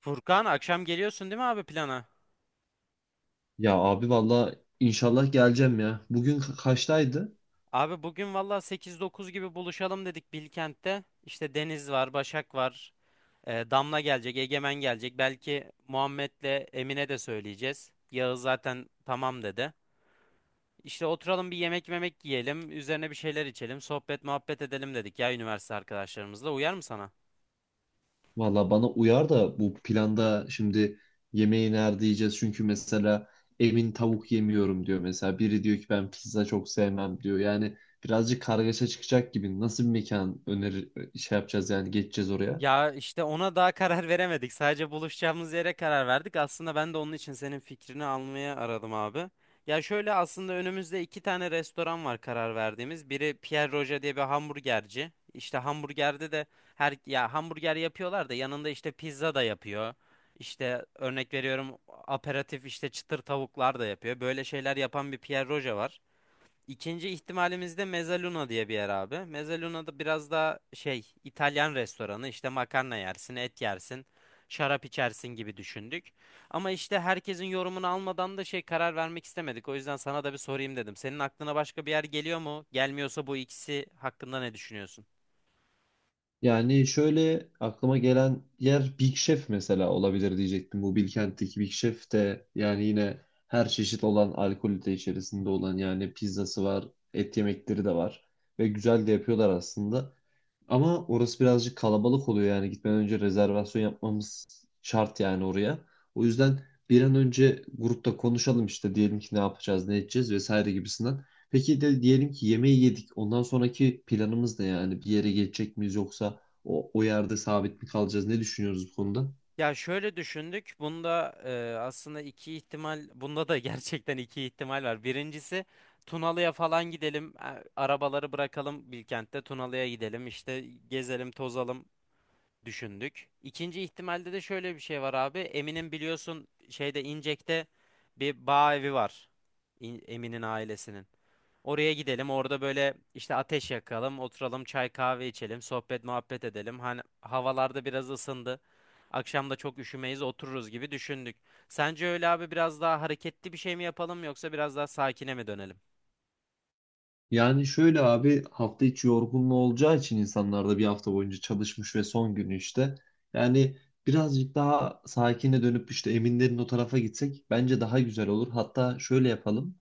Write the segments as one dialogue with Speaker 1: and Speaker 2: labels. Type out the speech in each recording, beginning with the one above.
Speaker 1: Furkan, akşam geliyorsun değil mi abi plana?
Speaker 2: Ya abi valla inşallah geleceğim ya. Bugün kaçtaydı?
Speaker 1: Abi bugün valla sekiz dokuz gibi buluşalım dedik Bilkent'te. İşte Deniz var, Başak var, Damla gelecek, Egemen gelecek. Belki Muhammed'le Emine de söyleyeceğiz. Yağız zaten tamam dedi. İşte oturalım, bir yemek yiyelim, üzerine bir şeyler içelim, sohbet muhabbet edelim dedik ya, üniversite arkadaşlarımızla. Uyar mı sana?
Speaker 2: Valla bana uyar da bu planda şimdi yemeği nerede yiyeceğiz? Çünkü mesela Emin tavuk yemiyorum diyor mesela. Biri diyor ki ben pizza çok sevmem diyor. Yani birazcık kargaşa çıkacak gibi. Nasıl bir mekan önerir şey yapacağız yani geçeceğiz oraya?
Speaker 1: Ya işte ona daha karar veremedik. Sadece buluşacağımız yere karar verdik. Aslında ben de onun için senin fikrini almaya aradım abi. Ya şöyle, aslında önümüzde iki tane restoran var karar verdiğimiz. Biri Pierre Roger diye bir hamburgerci. İşte hamburgerde de her ya hamburger yapıyorlar da yanında işte pizza da yapıyor. İşte örnek veriyorum, aperatif işte çıtır tavuklar da yapıyor. Böyle şeyler yapan bir Pierre Roger var. İkinci ihtimalimiz de Mezzaluna diye bir yer abi. Mezzaluna da biraz daha şey, İtalyan restoranı, işte makarna yersin, et yersin, şarap içersin gibi düşündük. Ama işte herkesin yorumunu almadan da şey, karar vermek istemedik. O yüzden sana da bir sorayım dedim. Senin aklına başka bir yer geliyor mu? Gelmiyorsa bu ikisi hakkında ne düşünüyorsun?
Speaker 2: Yani şöyle aklıma gelen yer Big Chef mesela olabilir diyecektim. Bu Bilkent'teki Big Chef de yani yine her çeşit olan alkolü de içerisinde olan yani pizzası var, et yemekleri de var ve güzel de yapıyorlar aslında. Ama orası birazcık kalabalık oluyor yani gitmeden önce rezervasyon yapmamız şart yani oraya. O yüzden bir an önce grupta konuşalım işte diyelim ki ne yapacağız, ne edeceğiz vesaire gibisinden. Peki de diyelim ki yemeği yedik. Ondan sonraki planımız ne yani? Bir yere geçecek miyiz yoksa o yerde sabit mi kalacağız? Ne düşünüyoruz bu konuda?
Speaker 1: Ya şöyle düşündük. Bunda aslında iki ihtimal, bunda da gerçekten iki ihtimal var. Birincisi Tunalı'ya falan gidelim. Arabaları bırakalım Bilkent'te, Tunalı'ya gidelim. İşte gezelim, tozalım düşündük. İkinci ihtimalde de şöyle bir şey var abi. Emin'in biliyorsun şeyde, İncek'te bir bağ evi var. Emin'in ailesinin. Oraya gidelim. Orada böyle işte ateş yakalım, oturalım, çay kahve içelim, sohbet muhabbet edelim. Hani havalarda biraz ısındı. Akşam da çok üşümeyiz, otururuz gibi düşündük. Sence öyle abi, biraz daha hareketli bir şey mi yapalım yoksa biraz daha sakine mi dönelim?
Speaker 2: Yani şöyle abi hafta içi yorgunluğu olacağı için insanlar da bir hafta boyunca çalışmış ve son günü işte. Yani birazcık daha sakine dönüp işte Eminlerin o tarafa gitsek bence daha güzel olur. Hatta şöyle yapalım.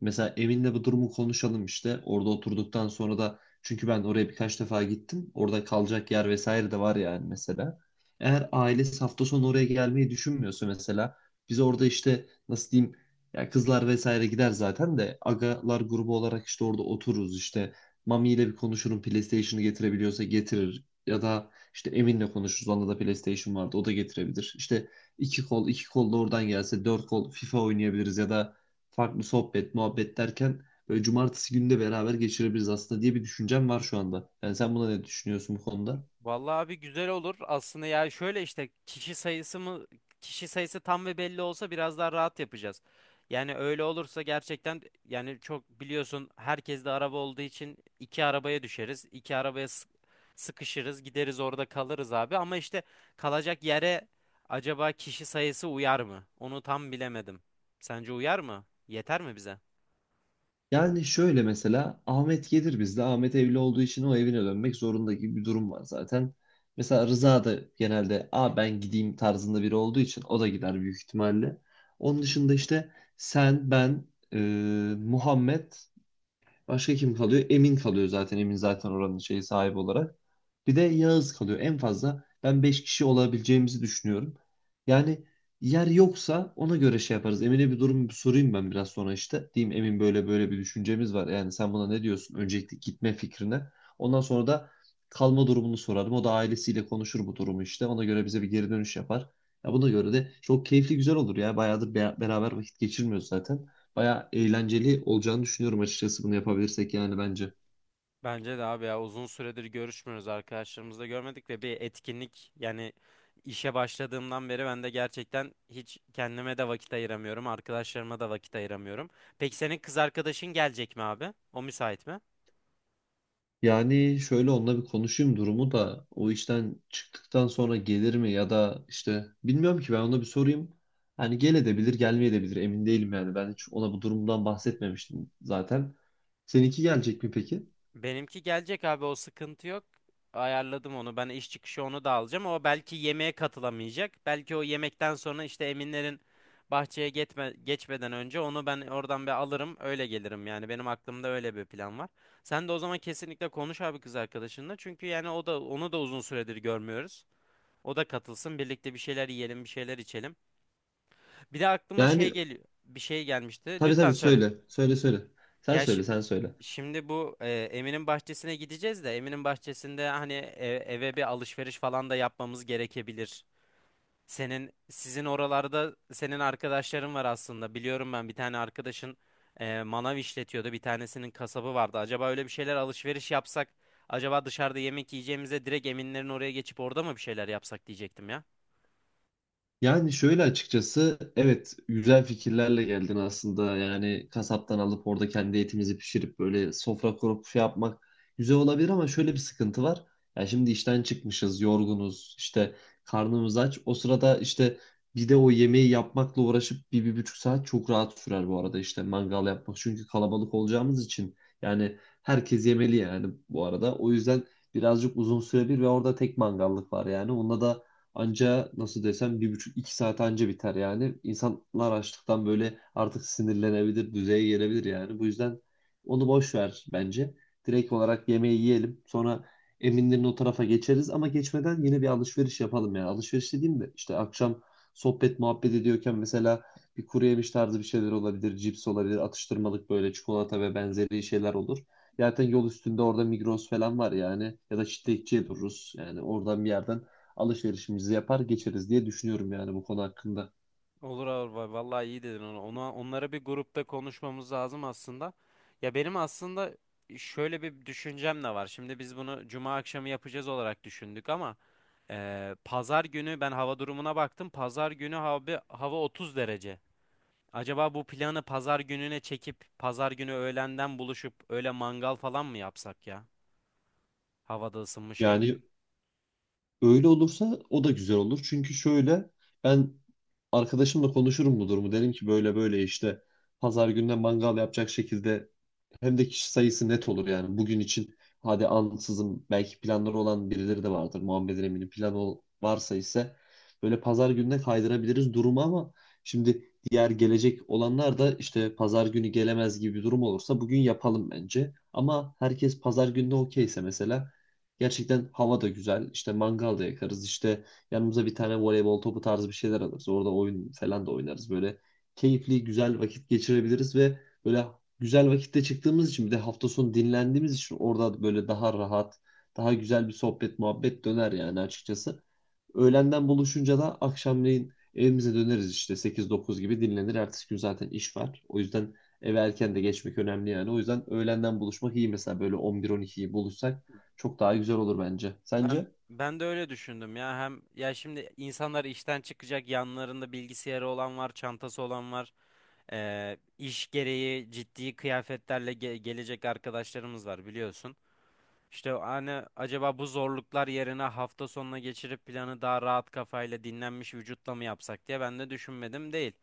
Speaker 2: Mesela Emin'le bu durumu konuşalım işte. Orada oturduktan sonra da çünkü ben oraya birkaç defa gittim. Orada kalacak yer vesaire de var yani mesela. Eğer ailesi hafta sonu oraya gelmeyi düşünmüyorsa mesela biz orada işte nasıl diyeyim ya kızlar vesaire gider zaten de agalar grubu olarak işte orada otururuz işte Mami ile bir konuşurum PlayStation'ı getirebiliyorsa getirir ya da işte Emin'le konuşuruz onda da PlayStation vardı o da getirebilir. İşte iki kol iki kol da oradan gelse dört kol FIFA oynayabiliriz ya da farklı sohbet, muhabbet derken böyle cumartesi günü de beraber geçirebiliriz aslında diye bir düşüncem var şu anda. Yani sen buna ne düşünüyorsun bu konuda?
Speaker 1: Vallahi abi güzel olur. Aslında yani şöyle işte, kişi sayısı tam ve belli olsa biraz daha rahat yapacağız. Yani öyle olursa gerçekten yani, çok biliyorsun, herkes de araba olduğu için iki arabaya düşeriz. İki arabaya sıkışırız, gideriz, orada kalırız abi. Ama işte kalacak yere acaba kişi sayısı uyar mı? Onu tam bilemedim. Sence uyar mı? Yeter mi bize?
Speaker 2: Yani şöyle mesela Ahmet gelir bizde. Ahmet evli olduğu için o evine dönmek zorunda gibi bir durum var zaten. Mesela Rıza da genelde a ben gideyim tarzında biri olduğu için o da gider büyük ihtimalle. Onun dışında işte sen, ben, e, Muhammed başka kim kalıyor? Emin kalıyor zaten. Emin zaten oranın şeyi sahibi olarak. Bir de Yağız kalıyor. En fazla ben 5 kişi olabileceğimizi düşünüyorum. Yani yer yoksa ona göre şey yaparız. Emin'e bir durum bir sorayım ben biraz sonra işte. Diyeyim Emin böyle böyle bir düşüncemiz var. Yani sen buna ne diyorsun? Öncelikle gitme fikrine. Ondan sonra da kalma durumunu sorarım. O da ailesiyle konuşur bu durumu işte. Ona göre bize bir geri dönüş yapar. Ya buna göre de çok keyifli güzel olur ya. Bayağıdır beraber vakit geçirmiyoruz zaten. Bayağı eğlenceli olacağını düşünüyorum açıkçası bunu yapabilirsek yani bence.
Speaker 1: Bence de abi ya, uzun süredir görüşmüyoruz arkadaşlarımızla, görmedik ve bir etkinlik yani, işe başladığımdan beri ben de gerçekten hiç kendime de vakit ayıramıyorum, arkadaşlarıma da vakit ayıramıyorum. Peki senin kız arkadaşın gelecek mi abi? O müsait mi?
Speaker 2: Yani şöyle onunla bir konuşayım durumu da o işten çıktıktan sonra gelir mi ya da işte bilmiyorum ki ben ona bir sorayım. Hani gel edebilir gelmeye edebilir emin değilim yani ben hiç ona bu durumdan bahsetmemiştim zaten. Seninki gelecek mi peki?
Speaker 1: Benimki gelecek abi, o sıkıntı yok. Ayarladım onu. Ben iş çıkışı onu da alacağım. O belki yemeğe katılamayacak. Belki o yemekten sonra işte Eminlerin bahçeye geçmeden önce onu ben oradan bir alırım. Öyle gelirim yani. Benim aklımda öyle bir plan var. Sen de o zaman kesinlikle konuş abi kız arkadaşınla. Çünkü yani o da, onu da uzun süredir görmüyoruz. O da katılsın. Birlikte bir şeyler yiyelim, bir şeyler içelim. Bir de aklıma şey
Speaker 2: Yani
Speaker 1: geliyor. Bir şey gelmişti.
Speaker 2: tabii
Speaker 1: Lütfen
Speaker 2: tabii
Speaker 1: söyle.
Speaker 2: söyle söyle söyle sen
Speaker 1: Gel
Speaker 2: söyle sen söyle.
Speaker 1: Şimdi bu Emin'in bahçesine gideceğiz de Emin'in bahçesinde hani eve bir alışveriş falan da yapmamız gerekebilir. Sizin oralarda senin arkadaşların var aslında. Biliyorum, ben bir tane arkadaşın manav işletiyordu. Bir tanesinin kasabı vardı. Acaba öyle bir şeyler alışveriş yapsak, acaba dışarıda yemek yiyeceğimize direkt Emin'lerin oraya geçip orada mı bir şeyler yapsak diyecektim ya.
Speaker 2: Yani şöyle açıkçası evet güzel fikirlerle geldin aslında. Yani kasaptan alıp orada kendi etimizi pişirip böyle sofra kurup şey yapmak güzel olabilir ama şöyle bir sıkıntı var. Ya şimdi işten çıkmışız, yorgunuz, işte karnımız aç. O sırada işte bir de o yemeği yapmakla uğraşıp 1, 1,5 saat çok rahat sürer bu arada işte mangal yapmak. Çünkü kalabalık olacağımız için yani herkes yemeli yani bu arada. O yüzden birazcık uzun sürebilir ve orada tek mangallık var yani. Onda da anca nasıl desem 1,5 2 saat anca biter yani. İnsanlar açlıktan böyle artık sinirlenebilir, düzeye gelebilir yani. Bu yüzden onu boş ver bence. Direkt olarak yemeği yiyelim. Sonra Eminlerin o tarafa geçeriz ama geçmeden yine bir alışveriş yapalım yani. Alışveriş dediğim de işte akşam sohbet muhabbet ediyorken mesela bir kuru yemiş tarzı bir şeyler olabilir, cips olabilir, atıştırmalık böyle çikolata ve benzeri şeyler olur. Zaten yol üstünde orada Migros falan var yani ya da çitlekçiye dururuz. Yani oradan bir yerden alışverişimizi yapar geçeriz diye düşünüyorum yani bu konu hakkında.
Speaker 1: Olur abi, vallahi iyi dedin onu. Onları bir grupta konuşmamız lazım aslında. Ya benim aslında şöyle bir düşüncem de var. Şimdi biz bunu cuma akşamı yapacağız olarak düşündük ama pazar günü ben hava durumuna baktım. Pazar günü abi hava 30 derece. Acaba bu planı pazar gününe çekip pazar günü öğlenden buluşup öyle mangal falan mı yapsak ya? Havada ısınmışken.
Speaker 2: Yani öyle olursa o da güzel olur. Çünkü şöyle ben arkadaşımla konuşurum bu durumu. Derim ki böyle böyle işte pazar gününe mangal yapacak şekilde hem de kişi sayısı net olur yani. Bugün için hadi ansızın belki planları olan birileri de vardır. Muhammed'in eminim planı varsa ise böyle pazar gününe kaydırabiliriz durumu ama şimdi diğer gelecek olanlar da işte pazar günü gelemez gibi bir durum olursa bugün yapalım bence. Ama herkes pazar gününe okeyse mesela gerçekten hava da güzel. İşte mangal da yakarız. İşte yanımıza bir tane voleybol topu tarzı bir şeyler alırız. Orada oyun falan da oynarız. Böyle keyifli, güzel vakit geçirebiliriz ve böyle güzel vakitte çıktığımız için bir de hafta sonu dinlendiğimiz için orada böyle daha rahat, daha güzel bir sohbet, muhabbet döner yani açıkçası. Öğlenden buluşunca da akşamleyin evimize döneriz işte 8-9 gibi dinlenir. Ertesi gün zaten iş var. O yüzden eve erken de geçmek önemli yani. O yüzden öğlenden buluşmak iyi mesela böyle 11-12'yi buluşsak çok daha güzel olur bence.
Speaker 1: Ben
Speaker 2: Sence?
Speaker 1: ben de öyle düşündüm ya, hem ya şimdi insanlar işten çıkacak, yanlarında bilgisayarı olan var, çantası olan var. İş gereği ciddi kıyafetlerle gelecek arkadaşlarımız var biliyorsun. İşte hani acaba bu zorluklar yerine hafta sonuna geçirip planı daha rahat kafayla, dinlenmiş vücutla mı yapsak diye ben de düşünmedim değil.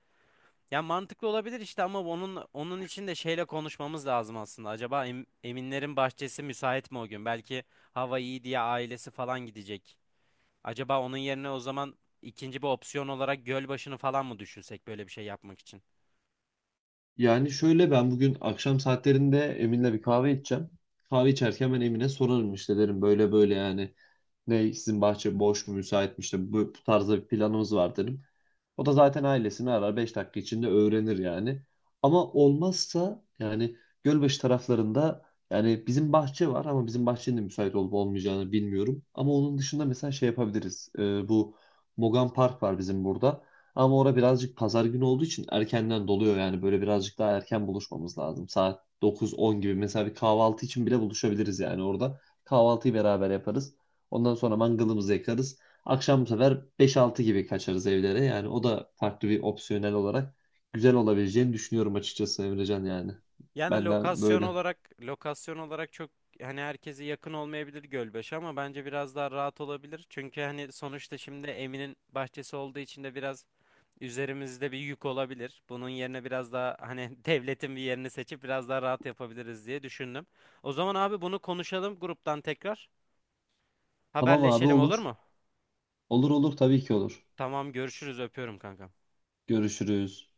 Speaker 1: Ya mantıklı olabilir işte, ama onun için de şeyle konuşmamız lazım aslında. Acaba Eminlerin bahçesi müsait mi o gün? Belki hava iyi diye ailesi falan gidecek. Acaba onun yerine o zaman ikinci bir opsiyon olarak Gölbaşı'nı falan mı düşünsek böyle bir şey yapmak için?
Speaker 2: Yani şöyle ben bugün akşam saatlerinde Emin'le bir kahve içeceğim. Kahve içerken ben Emin'e sorarım işte derim böyle böyle yani ne sizin bahçe boş mu müsait mi işte bu tarzda bir planımız var dedim. O da zaten ailesini arar 5 dakika içinde öğrenir yani. Ama olmazsa yani Gölbaşı taraflarında yani bizim bahçe var ama bizim bahçenin de müsait olup olmayacağını bilmiyorum. Ama onun dışında mesela şey yapabiliriz. Bu Mogan Park var bizim burada. Ama orada birazcık pazar günü olduğu için erkenden doluyor yani böyle birazcık daha erken buluşmamız lazım. Saat 9-10 gibi mesela bir kahvaltı için bile buluşabiliriz yani orada. Kahvaltıyı beraber yaparız. Ondan sonra mangalımızı yakarız. Akşam bu sefer 5-6 gibi kaçarız evlere. Yani o da farklı bir opsiyonel olarak güzel olabileceğini düşünüyorum açıkçası Emrecan yani.
Speaker 1: Yani
Speaker 2: Benden
Speaker 1: lokasyon
Speaker 2: böyle.
Speaker 1: olarak lokasyon olarak çok hani herkese yakın olmayabilir Gölbaşı, ama bence biraz daha rahat olabilir. Çünkü hani sonuçta şimdi Emin'in bahçesi olduğu için de biraz üzerimizde bir yük olabilir. Bunun yerine biraz daha hani devletin bir yerini seçip biraz daha rahat yapabiliriz diye düşündüm. O zaman abi bunu konuşalım gruptan tekrar.
Speaker 2: Tamam abi
Speaker 1: Haberleşelim olur
Speaker 2: olur.
Speaker 1: mu?
Speaker 2: Olur olur tabii ki olur.
Speaker 1: Tamam, görüşürüz, öpüyorum kankam.
Speaker 2: Görüşürüz.